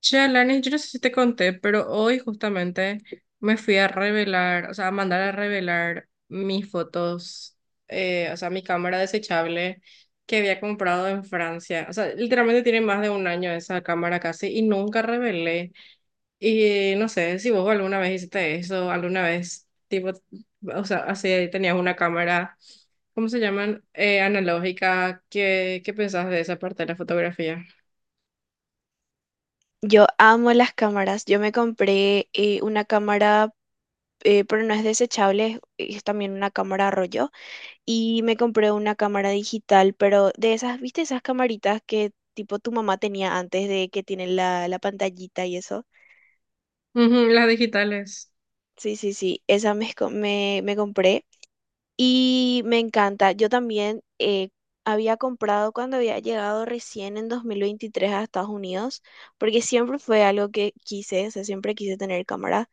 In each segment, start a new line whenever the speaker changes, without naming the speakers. Che, Alanis, yo no sé si te conté, pero hoy justamente me fui a revelar, o sea, a mandar a revelar mis fotos, o sea, mi cámara desechable que había comprado en Francia. O sea, literalmente tiene más de un año esa cámara casi y nunca revelé. Y no sé si vos alguna vez hiciste eso, alguna vez, tipo, o sea, así tenías una cámara, ¿cómo se llaman? Analógica. ¿Qué pensás de esa parte de la fotografía?
Yo amo las cámaras. Yo me compré una cámara, pero no es desechable, es también una cámara rollo. Y me compré una cámara digital, pero de esas, ¿viste esas camaritas que tipo tu mamá tenía antes de que tienen la pantallita y eso?
Ujú, las digitales.
Sí, sí, sí, esa me compré y me encanta. Yo también había comprado cuando había llegado recién en 2023 a Estados Unidos, porque siempre fue algo que quise, o sea, siempre quise tener cámara.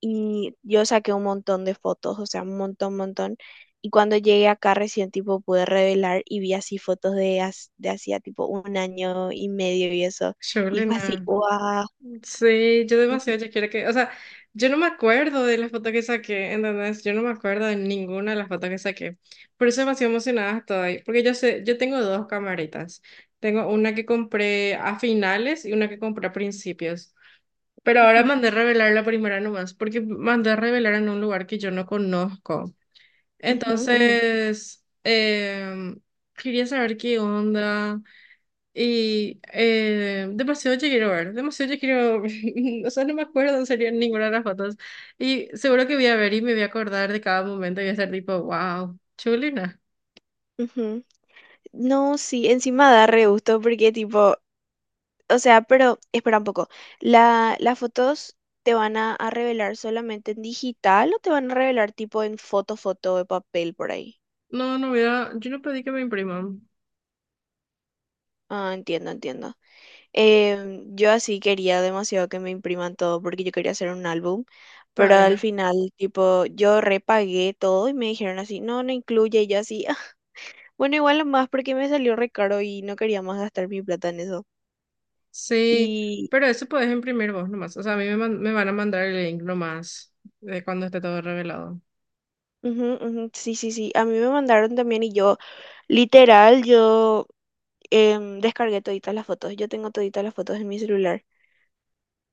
Y yo saqué un montón de fotos, o sea, un montón, montón. Y cuando llegué acá recién tipo pude revelar y vi así fotos de hacía tipo un año y medio y eso. Y fue así,
Chulina.
wow.
Sí, yo demasiado ya quiero que, o sea, yo no me acuerdo de las fotos que saqué, ¿entendés? Yo no me acuerdo de ninguna de las fotos que saqué. Por eso demasiado emocionada estoy, porque yo sé, yo tengo dos camaritas. Tengo una que compré a finales y una que compré a principios. Pero ahora
Ujú,
mandé a revelar la primera nomás, porque mandé a revelar en un lugar que yo no conozco.
ujú, ujú,
Entonces, quería saber qué onda. Y demasiado ya quiero ver, demasiado ya quiero, o sea, no me acuerdo en serio ninguna de las fotos. Y seguro que voy a ver y me voy a acordar de cada momento y voy a ser tipo, wow, chulina.
ujú. No, sí, encima da re gusto porque tipo. O sea, pero espera un poco. ¿Las fotos te van a revelar solamente en digital o te van a revelar tipo en foto de papel por ahí?
No, no voy a, yo no pedí que me impriman.
Ah, entiendo, entiendo. Yo así quería demasiado que me impriman todo porque yo quería hacer un álbum, pero al
Vaina.
final tipo yo repagué todo y me dijeron así, no, no incluye y yo así, "Ah, bueno, igual lo más porque me salió re caro y no quería más gastar mi plata en eso".
Sí,
Y
pero eso puedes imprimir vos nomás. O sea, a mí me, man- me van a mandar el link nomás de cuando esté todo revelado.
ujú, ujú, sí, sí, sí, a mí me mandaron también y yo... Literal, yo descargué toditas las fotos. Yo tengo toditas las fotos en mi celular.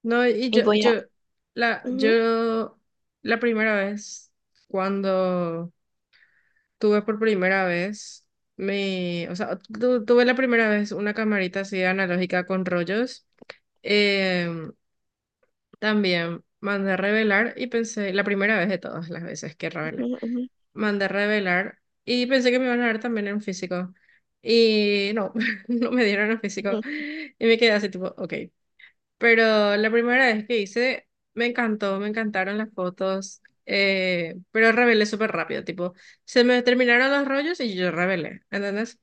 No, y
Y
yo,
voy a...
yo, la,
Ujú,
yo, la primera vez cuando Tuve por primera vez, me, o sea, tuve la primera vez una camarita así analógica con rollos. Em, También mandé a revelar y pensé, la primera vez de todas las veces que revelé,
ujú, ujú,
mandé a revelar y pensé que me iban a dar también en físico. Y no, no me dieron en físico.
ujú,
Y me quedé así tipo, ok. Pero la primera vez que hice, me encantó, me encantaron las fotos, pero rebelé súper rápido, tipo, se me terminaron los rollos y yo rebelé, ¿entendés?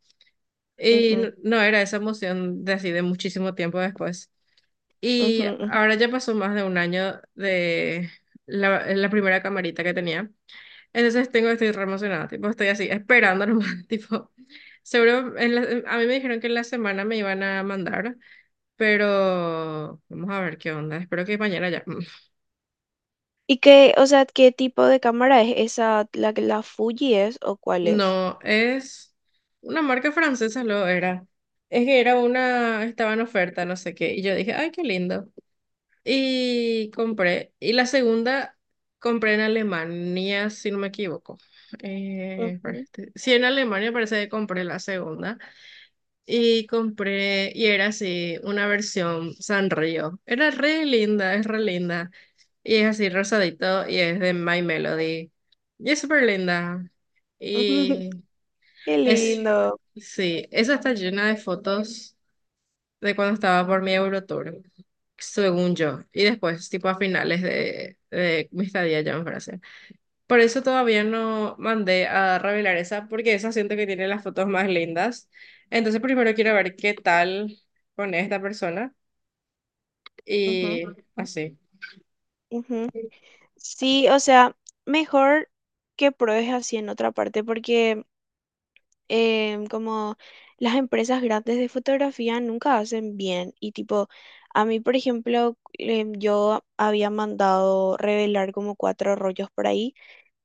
Y
ujú,
no, era esa emoción de así de muchísimo tiempo después.
ujú,
Y
ujú.
ahora ya pasó más de un año de la primera camarita que tenía. Entonces tengo, estoy re emocionada, tipo, estoy así, esperando nomás, tipo, seguro, a mí me dijeron que en la semana me iban a mandar pero vamos a ver qué onda. Espero que mañana ya.
¿Y qué, o sea, qué tipo de cámara es esa? ¿La Fuji es o cuál es?
No, es una marca francesa, lo era. Es que era una, estaba en oferta, no sé qué. Y yo dije, ay, qué lindo. Y compré. Y la segunda compré en Alemania, si no me equivoco. Espera,
Ujú,
sí, en Alemania parece que compré la segunda. Y compré, y era así, una versión Sanrio. Era re linda, es re linda. Y es así rosadito y es de My Melody. Y es súper linda.
ujú.
Y
Qué
es,
lindo.
sí, esa está llena de fotos de cuando estaba por mi Eurotour, según yo. Y después, tipo a finales de mi estadía ya en Francia. Por eso todavía no mandé a revelar esa, porque esa siento que tiene las fotos más lindas. Entonces primero quiero ver qué tal con esta persona
Ujú,
y así.
ujú. Sí, o sea, mejor que pruebes así en otra parte porque como las empresas grandes de fotografía nunca hacen bien y tipo, a mí por ejemplo, yo había mandado revelar como cuatro rollos por ahí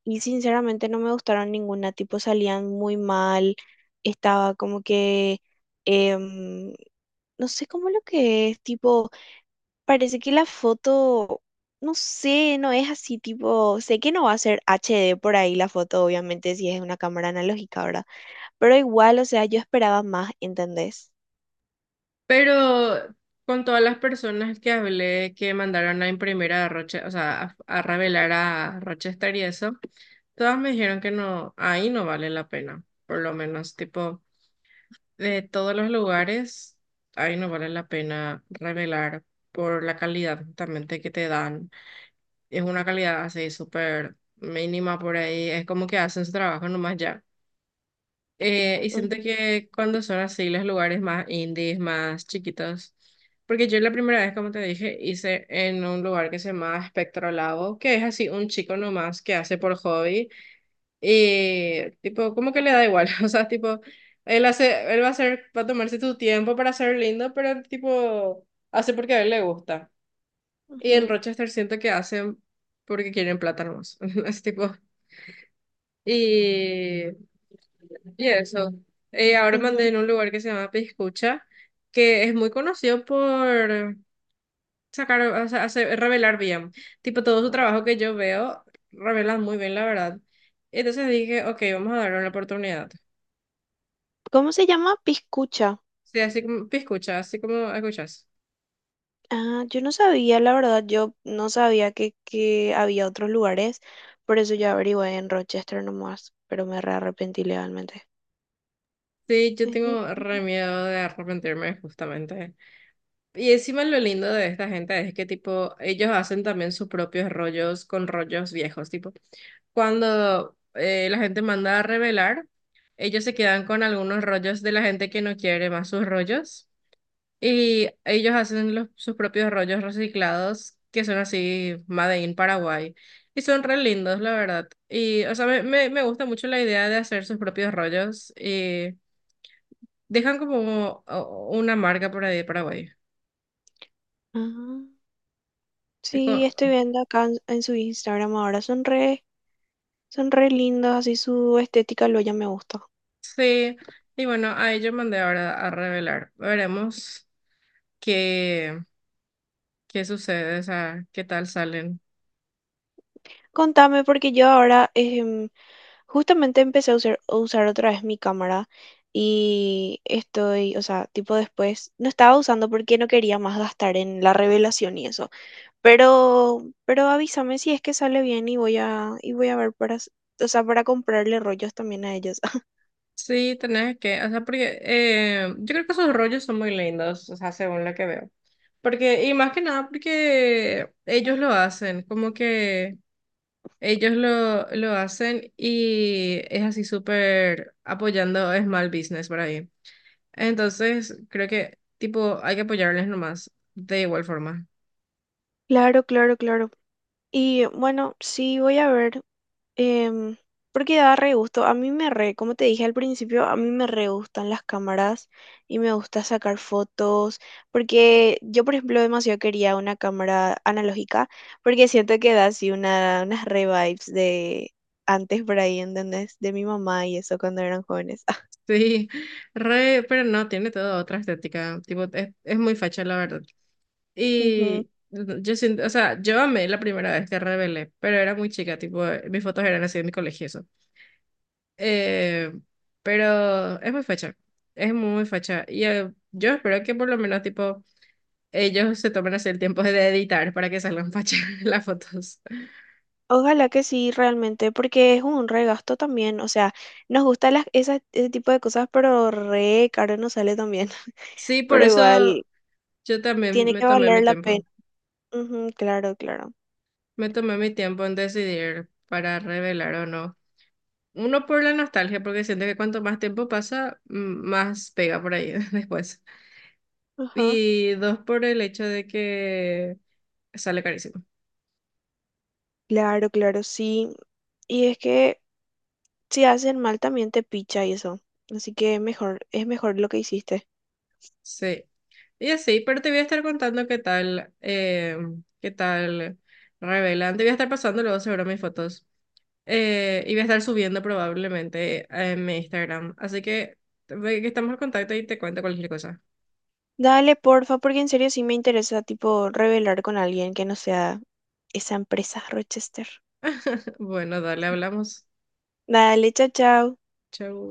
y sinceramente no me gustaron ninguna, tipo salían muy mal, estaba como que, em, no sé cómo lo que es, tipo... Parece que la foto, no sé, no es así tipo, sé que no va a ser HD por ahí la foto, obviamente, si es una cámara analógica, ¿verdad? Pero igual, o sea, yo esperaba más, ¿entendés?
Pero con todas las personas que hablé que mandaron a imprimir a Roche, o sea, a revelar a Rochester y eso, todas me dijeron que no, ahí no vale la pena. Por lo menos, tipo, de todos los lugares, ahí no vale la pena revelar por la calidad justamente que te dan. Es una calidad así súper mínima por ahí. Es como que hacen su trabajo nomás ya. Y siento
Ujú,
que cuando son así los lugares más indies, más chiquitos. Porque yo la primera vez, como te dije, hice en un lugar que se llama Espectro Labo, que es así un chico nomás que hace por hobby. Y tipo, como que le da igual. O sea, tipo, él hace, él va a hacer, va a tomarse su tiempo para ser lindo, pero tipo, hace porque a él le gusta. Y en
ujú,
Rochester siento que hacen porque quieren plata nomás. Es tipo. Y, y eso. Ahora mandé
ujú.
en un lugar que se llama Piscucha, que es muy conocido por sacar, o sea, revelar bien. Tipo, todo su trabajo que yo veo, revelan muy bien, la verdad. Entonces dije, ok, vamos a darle una oportunidad.
¿Cómo se llama? Piscucha.
Sí, así como Piscucha, así como escuchas.
Ah, yo no sabía, la verdad, yo no sabía que había otros lugares, por eso yo averigué en Rochester nomás, pero me re arrepentí legalmente.
Sí, yo
Ujú,
tengo
ujú.
re miedo de arrepentirme, justamente. Y encima lo lindo de esta gente es que tipo, ellos hacen también sus propios rollos con rollos viejos, tipo, cuando la gente manda a revelar, ellos se quedan con algunos rollos de la gente que no quiere más sus rollos y ellos hacen los, sus propios rollos reciclados que son así Made in Paraguay y son re lindos, la verdad. Y, o sea, me gusta mucho la idea de hacer sus propios rollos y dejan como una marca por ahí de Paraguay.
Ah, sí, estoy viendo acá en su Instagram ahora, son re. Son re lindos, así su estética lo ya me gusta.
Sí, y bueno, ahí yo mandé ahora a revelar. Veremos qué, qué sucede, o sea, qué tal salen.
Contame, porque yo ahora justamente empecé a usar, otra vez mi cámara y estoy, o sea, tipo después, no estaba usando porque no quería más gastar en la revelación y eso. Pero avísame si es que sale bien y voy a ver para, s- o sea, para comprarle rollos también a ellos.
Sí, tenés que, o sea, porque yo creo que esos rollos son muy lindos, o sea, según lo que veo. Porque, y más que nada porque ellos lo hacen, como que ellos lo hacen y es así súper apoyando small business por ahí. Entonces, creo que, tipo, hay que apoyarles nomás, de igual forma.
Claro, claro, claro. Y bueno, sí, voy a ver. em, Porque da re gusto. A mí me re, Como te dije al principio, a mí me re gustan las cámaras y me gusta sacar fotos. Porque yo, por ejemplo, demasiado quería una cámara analógica, porque siento que da así unas re vibes de antes por ahí, ¿entendés? De mi mamá y eso cuando eran jóvenes.
Sí, re, pero no, tiene toda otra estética, tipo, es muy facha la verdad.
Ujú.
Y yo siento, o sea, yo amé la primera vez que rebelé, pero era muy chica, tipo, mis fotos eran así de mi colegio, y eso. Eh, pero es muy facha, es muy facha. Y yo espero que por lo menos, tipo, ellos se tomen así el tiempo de editar para que salgan fachas las fotos.
Ojalá que sí, realmente, porque es un regasto también. O sea, nos gusta ese tipo de cosas, pero re caro nos sale también.
Sí, por
Pero
eso
igual,
yo también
tiene
me
que
tomé mi
valer la
tiempo,
pena. Ujú, claro, claro.
me tomé mi tiempo en decidir para revelar o no. Uno por la nostalgia, porque siento que cuanto más tiempo pasa, más pega por ahí después.
Ajá.
Y dos por el hecho de que sale carísimo.
Claro, claro, sí. Y es que si hacen mal también te picha y eso. Así que mejor, es mejor lo que hiciste.
Sí. Y así, pero te voy a estar contando qué tal revelan. Te voy a estar pasando luego seguro mis fotos. Y voy a estar subiendo probablemente en mi Instagram. Así que, ve que estamos en contacto y te cuento cualquier cosa.
Dale, porfa, porque en serio sí me interesa, tipo, revelar con alguien que no sea esa empresa Rochester.
Bueno, dale, hablamos.
Dale, chao, chao.
Chau.